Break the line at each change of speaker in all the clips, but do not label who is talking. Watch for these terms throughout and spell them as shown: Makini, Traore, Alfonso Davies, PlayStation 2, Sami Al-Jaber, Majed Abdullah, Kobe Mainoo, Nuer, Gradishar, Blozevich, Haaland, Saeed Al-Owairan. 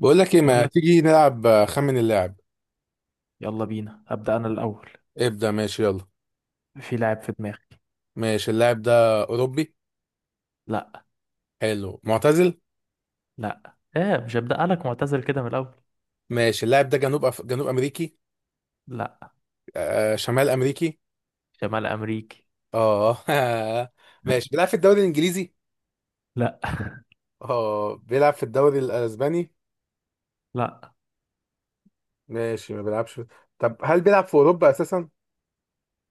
بقول لك ايه
بقول
ما
لك،
تيجي نلعب، خمن اللاعب.
يلا بينا هبدأ انا الاول.
ابدأ، ماشي، يلا.
في لاعب في دماغي.
ماشي، اللاعب ده اوروبي؟
لا.
حلو، معتزل؟
لا ايه؟ مش هبدأ لك معتزل كده من الاول.
ماشي، اللاعب ده جنوب امريكي؟
لا.
شمال امريكي؟
شمال امريكي.
اه ماشي، بيلعب في الدوري الانجليزي؟
لا.
اه بيلعب في الدوري الاسباني؟
لا.
ماشي، ما بيلعبش. طب هل بيلعب في اوروبا اساسا؟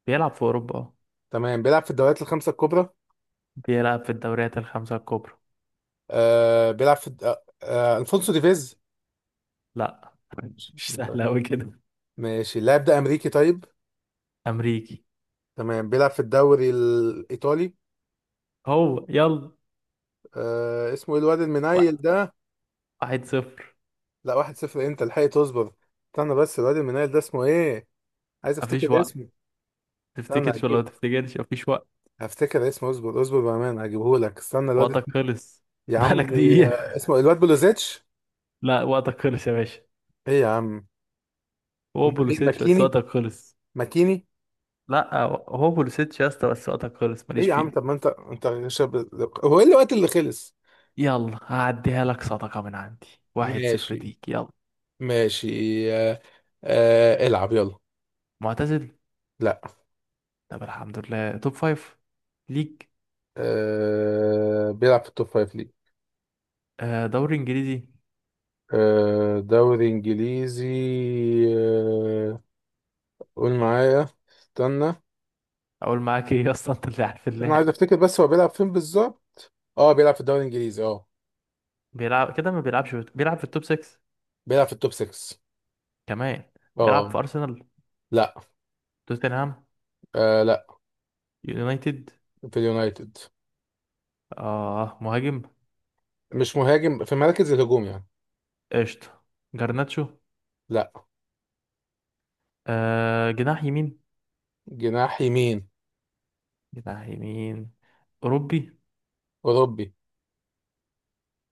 بيلعب في اوروبا، اه.
تمام، بيلعب في الدوريات الخمسة الكبرى.
بيلعب في الدوريات الخمسة الكبرى.
بيلعب في الفونسو ديفيز؟
لا، مش سهل قوي كده.
ماشي، اللاعب ده امريكي طيب؟
امريكي.
تمام، بيلعب في الدوري الايطالي.
هو يلا.
اسمه ايه الواد المنيل
وقت.
ده؟
1-0.
لا 1-0 إيه، انت الحقي تصبر. استنى بس، الواد المنيل ده اسمه ايه؟ عايز
مفيش
افتكر
وقت.
اسمه. استنى
تفتكرش ولا ما
هجيبه.
تفتكرش، مفيش وقت.
هفتكر اسمه، اصبر اصبر بامانه، هجيبه لك، استنى
وقتك خلص.
يا عم،
بقالك دقيقة.
اسمه إيه؟ الواد بلوزيتش.
لا، وقتك خلص يا باشا.
ايه يا عم؟
هو
امال مين،
بولوسيتش بس
ماكيني؟
وقتك خلص.
ماكيني.
لا، هو بولوسيتش يا اسطى بس وقتك خلص،
ايه
ماليش
يا عم، طب ما
فيه.
انت شاب. هو ايه الوقت اللي خلص؟
يلا هعديها لك صدقة من عندي. 1-0
ماشي،
ليك، يلا.
ماشي. آه العب يلا.
معتزل.
لا.
طب الحمد لله، توب فايف ليك.
بيلعب في التوب فايف ليج.
آه، دوري انجليزي.
دوري انجليزي. آه، قول معايا، استنى.
اقول معاك ايه اصلا؟ انت اللي عارف
انا عايز
اللاعب.
افتكر بس هو بيلعب فين بالظبط. اه بيلعب في الدوري الانجليزي
بيلعب كده، ما بيلعبش في... بيلعب في التوب 6
بيلعب في التوب 6.
كمان.
اه.
بيلعب في ارسنال.
لا.
توتنهام.
لا.
يونايتد.
في اليونايتد.
اه، مهاجم.
مش مهاجم، في مراكز الهجوم يعني.
قشطة. جرناتشو.
لا.
آه، جناح يمين.
جناح يمين.
جناح يمين. اوروبي.
اوروبي.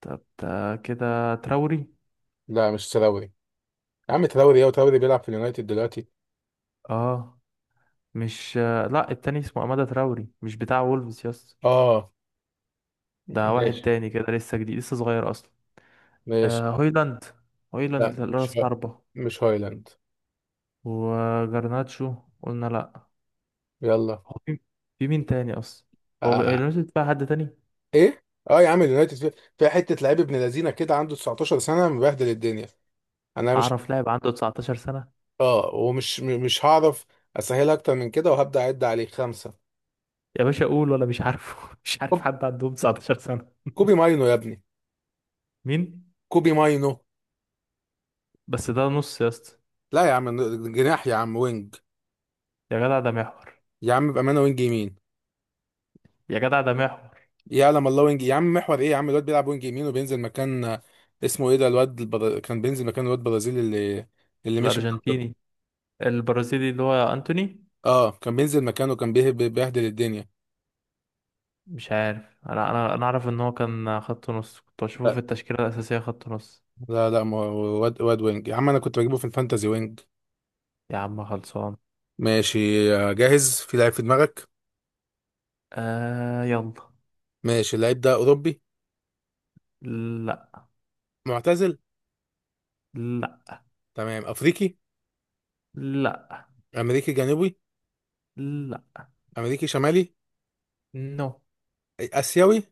طب ده كده تراوري.
لا، مش تراوري. يا عم تراوري ايه، وتراوري بيلعب في اليونايتد دلوقتي.
اه. مش لا، التاني اسمه أمادة تراوري، مش بتاع وولفز. يس،
اه.
ده واحد
ماشي،
تاني كده، لسه جديد لسه صغير أصلا.
ماشي.
آه، هويلاند.
لا
هويلاند رأس حربة.
مش هايلاند.
وجرناتشو، قلنا لا.
يلا.
هو في في مين تاني أصلا؟ هو
آه،
اليونايتد بقى حد تاني؟
ايه. اه يا عم، اليونايتد فيها، فيها حته لعيب ابن لذينه كده عنده 19 سنه مبهدل الدنيا. انا مش
هعرف لاعب عنده 19 سنة؟
اه مش هعرف. اسهلها اكتر من كده وهبدا اعد عليه خمسه.
يا باشا قول ولا مش عارفه. مش عارف
طب
حد عندهم 19 سنة.
كوبي ماينو يا ابني.
مين؟
كوبي ماينو.
بس ده نص يا اسطى.
لا يا عم، جناح يا عم، وينج.
يا جدع ده محور.
يا عم بامانه، وينج يمين.
يا جدع ده محور.
يعلم الله وينج، يا عم محور ايه يا عم، الواد بيلعب وينج يمين وبينزل مكان، اسمه ايه ده، كان بينزل مكان الواد البرازيلي اللي مشي من عنده.
الأرجنتيني. البرازيلي اللي هو أنتوني.
اه كان بينزل مكانه، كان بيبهدل الدنيا.
مش عارف، انا اعرف ان هو كان خط نص، كنت بشوفه في التشكيله الاساسيه خط نص.
لا لا، ما هو واد واد وينج يا عم، انا كنت بجيبه في الفانتازي وينج.
يا عم خلصان.
ماشي. جاهز؟ في لعيب في دماغك.
آه يلا.
ماشي، اللعيب ده اوروبي؟
لا.
معتزل؟
لا.
تمام، افريقي؟
لا.
امريكي جنوبي؟
لا.
امريكي شمالي؟
نو.
اسيوي؟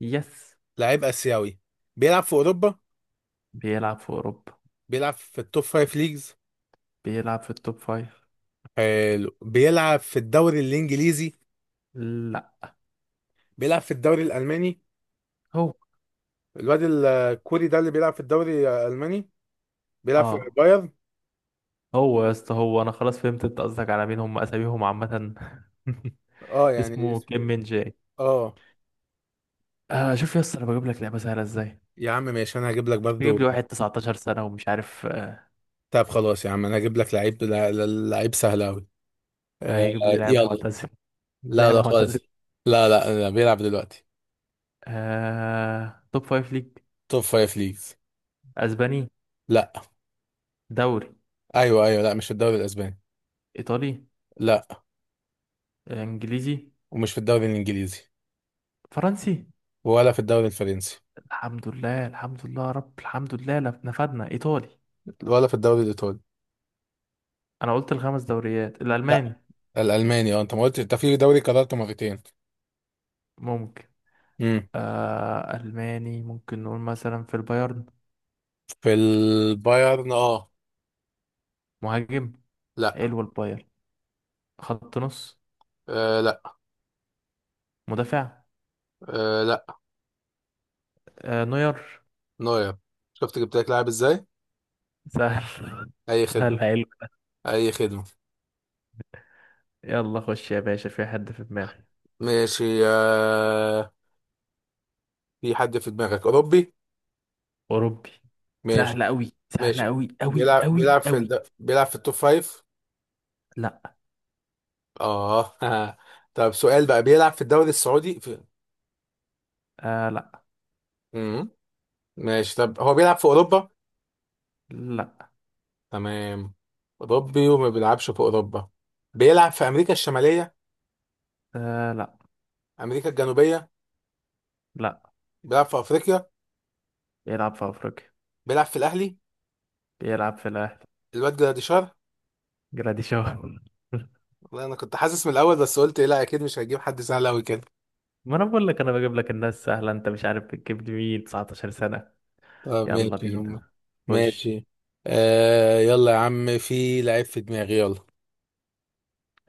يس.
لعيب اسيوي. بيلعب في اوروبا.
بيلعب في اوروبا.
بيلعب في التوب فايف ليجز.
بيلعب في التوب فايف.
حلو، بيلعب في الدوري الانجليزي؟
لا.
بيلعب في الدوري الالماني.
هو
الواد الكوري ده اللي بيلعب في الدوري الالماني. بيلعب في
اه
بايرن.
هو يا اسطى، هو انا خلاص فهمت انت قصدك على مين، هم اساميهم عامه.
اه. يعني
اسمه كيم من جاي.
اه
آه، شوف يا اسطى انا بجيب لك لعبه سهله ازاي،
يا عم ماشي، انا هجيب لك
مش
برضو.
بجيب لي واحد 19 سنه ومش عارف.
طب خلاص يا عم، انا هجيب لك لعيب، لعيب سهل قوي. آه
هيجيب لي لاعب
يلا.
معتزل.
لا لا،
لاعب
خالص.
معتزل.
لا لا لا، بيلعب دلوقتي.
توب فايف ليج.
توب فايف ليجز.
اسباني.
لا.
دوري.
ايوه ايوه، لا مش في الدوري الاسباني.
ايطالي.
لا.
آه، انجليزي.
ومش في الدوري الانجليزي.
فرنسي.
ولا في الدوري الفرنسي.
الحمد لله الحمد لله يا رب الحمد لله، نفدنا ايطالي.
ولا في الدوري الايطالي.
انا قلت الخمس دوريات.
لا،
الالماني،
الالماني. اه انت ما قلتش، انت في دوري قررته مرتين.
ممكن.
امم.
الماني، ممكن نقول مثلا في البايرن.
في البايرن
مهاجم.
لا.
حلو البايرن. خط نص.
لا.
مدافع.
لا.
نوير.
نوير. شفت جبت لك لاعب ازاي.
سهل.
اي خدمه،
سهل، حلو.
اي خدمه.
يلا خش يا باشا، في حد في دماغي.
ماشي. في حد في دماغك اوروبي.
اوروبي.
ماشي.
سهل قوي سهل
ماشي.
قوي قوي قوي قوي.
بيلعب في التوب فايف.
لا.
اه طب سؤال بقى، بيلعب في الدوري السعودي
آه لا.
مم. ماشي، طب هو بيلعب في اوروبا؟
لا
تمام. اوروبي وما بيلعبش في اوروبا. بيلعب في امريكا الشماليه؟
آه لا.
امريكا الجنوبيه؟
لا.
بيلعب في افريقيا؟
بيلعب في أفريقيا.
بيلعب في الاهلي؟
بيلعب في الأهلي.
الواد جراديشار.
جراديشار.
والله انا كنت حاسس من الاول، بس قلت إيه، لا اكيد مش هجيب حد سهل قوي كده.
ما أنا بقول لك أنا بجيب لك الناس سهلة، أنت مش عارف بتجيب لي مين 19 سنة.
طب
يلا
ماشي يا عم.
بينا. خش.
ماشي. يلا يا عم، في لعيب في دماغي يلا.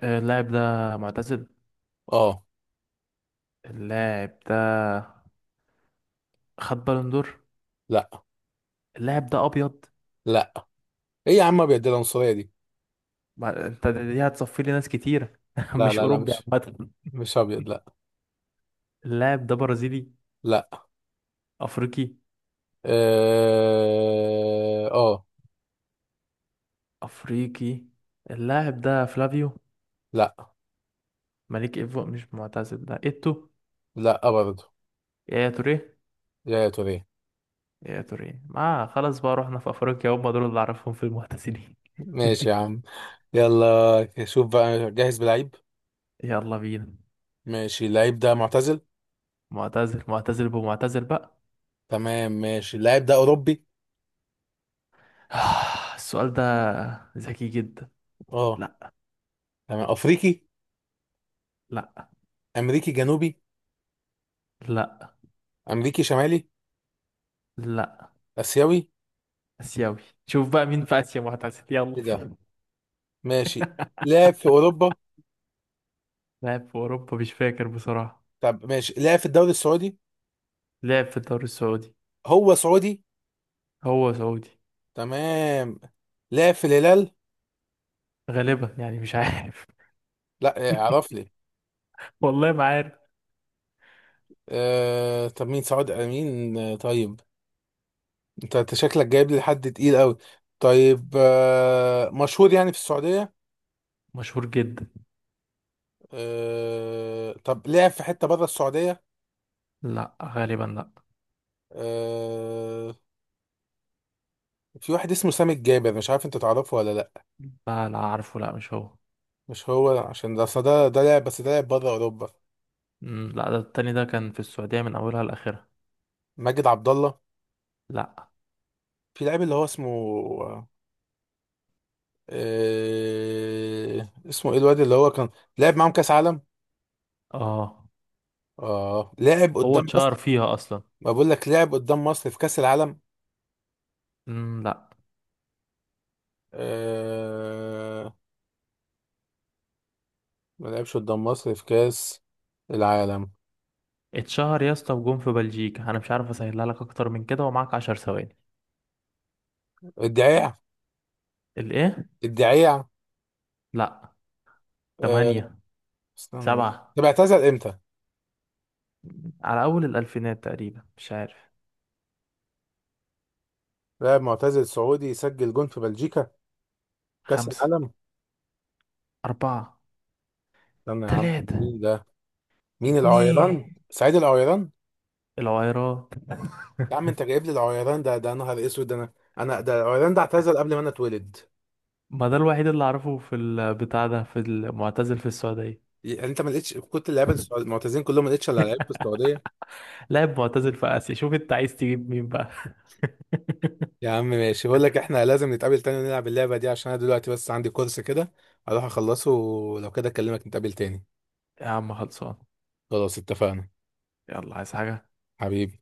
آه، اللاعب ده معتزل.
اه.
اللاعب ده خد بالون دور.
لا.
اللاعب ده أبيض.
لا. ايه يا عم، ابيض دي، العنصريه دي.
ما أنت دي هتصفي لي ناس كتيرة،
لا
مش
لا لا،
أوروبي عامة.
مش ابيض لا.
اللاعب ده برازيلي.
لا.
أفريقي.
اه.
أفريقي. اللاعب ده فلافيو.
لا.
مليك إيفو، مش معتزل ده إيتو.
لا برضه.
يا توريه.
يا توريه.
يا تري، ما خلاص بقى، رحنا في افريقيا هم دول اللي اعرفهم في المعتزلين.
ماشي يا عم. يلا شوف بقى، جاهز بلعيب.
يلا بينا.
ماشي، اللعيب ده معتزل؟
معتزل، معتزل بمعتزل بقى.
تمام، ماشي، اللعيب ده اوروبي؟
السؤال ده ذكي جدا.
اه.
لا.
تمام، افريقي؟
لا.
امريكي جنوبي؟
لا.
امريكي شمالي؟
لا.
اسيوي؟
اسيوي. شوف بقى مين في اسيا معتزل،
ايه
يلا.
ده. ماشي. لعب في اوروبا؟
لعب في اوروبا مش فاكر بصراحة.
طب ماشي، لعب في الدوري السعودي؟
لعب في الدوري السعودي.
هو سعودي؟
هو سعودي.
تمام. لعب في الهلال؟
غالبا يعني مش عارف.
لا، اعرف لي.
والله ما عارف.
طب مين، سعاد امين؟ طيب، أنت شكلك جايب لي حد تقيل قوي. طيب، مشهور يعني في السعوديه؟
مشهور جدا.
طب لعب في حته بره السعوديه؟
لا غالبا لا.
آه، في واحد اسمه سامي الجابر، مش عارف انت تعرفه ولا لا؟
لا لا عارفه، لا مش هو.
مش هو عشان ده أصل ده لاعب، بس ده لاعب بره اوروبا.
لا، ده التاني ده كان في السعودية من اولها لاخرها.
ماجد عبد الله.
لا.
في لاعب اللي هو اسمه. اسمه ايه الواد اللي هو كان لعب معاهم كاس عالم؟
اه
اه لعب
هو
قدام
اتشهر
مصر.
فيها اصلا.
ما بقول لك لعب قدام مصر في كاس العالم.
لا.
آه ما لعبش قدام مصر في كأس العالم؟
اتشهر يا اسطى، وجون في بلجيكا، انا مش عارف اسهلها لك اكتر من كده، ومعاك 10 ثواني.
الدعيع.
الايه؟
الدعيع.
لا.
آه
تمانية.
استنى.
سبعة.
طب اعتزل امتى؟
على اول الالفينات تقريبا، مش عارف.
لاعب معتزل سعودي يسجل جون في بلجيكا في كأس
خمسة.
العالم.
اربعة.
استنى يا عم،
تلاتة.
مين ده؟ مين، العويران؟
اتنين.
سعيد العويران؟
العويرات.
يا عم انت جايب لي العويران ده؟ ده نهار اسود ده، انا ده العويران ده اعتزل قبل ما انا اتولد.
ما ده الوحيد اللي اعرفه في البتاع ده، في المعتزل في السعودية.
يعني انت ما لقيتش، كنت اللعيبه المعتزلين كلهم ما لقيتش الا لعيب في السعوديه.
لاعب معتزل في اسيا، شوف انت عايز تجيب مين بقى.
يا عم ماشي، بقول لك احنا لازم نتقابل تاني ونلعب اللعبة دي، عشان انا دلوقتي بس عندي كورس كده. هروح اخلصه، ولو كده اكلمك نتقابل تاني.
يا عم خلصان.
خلاص، اتفقنا.
يلا، عايز حاجة؟
حبيبي.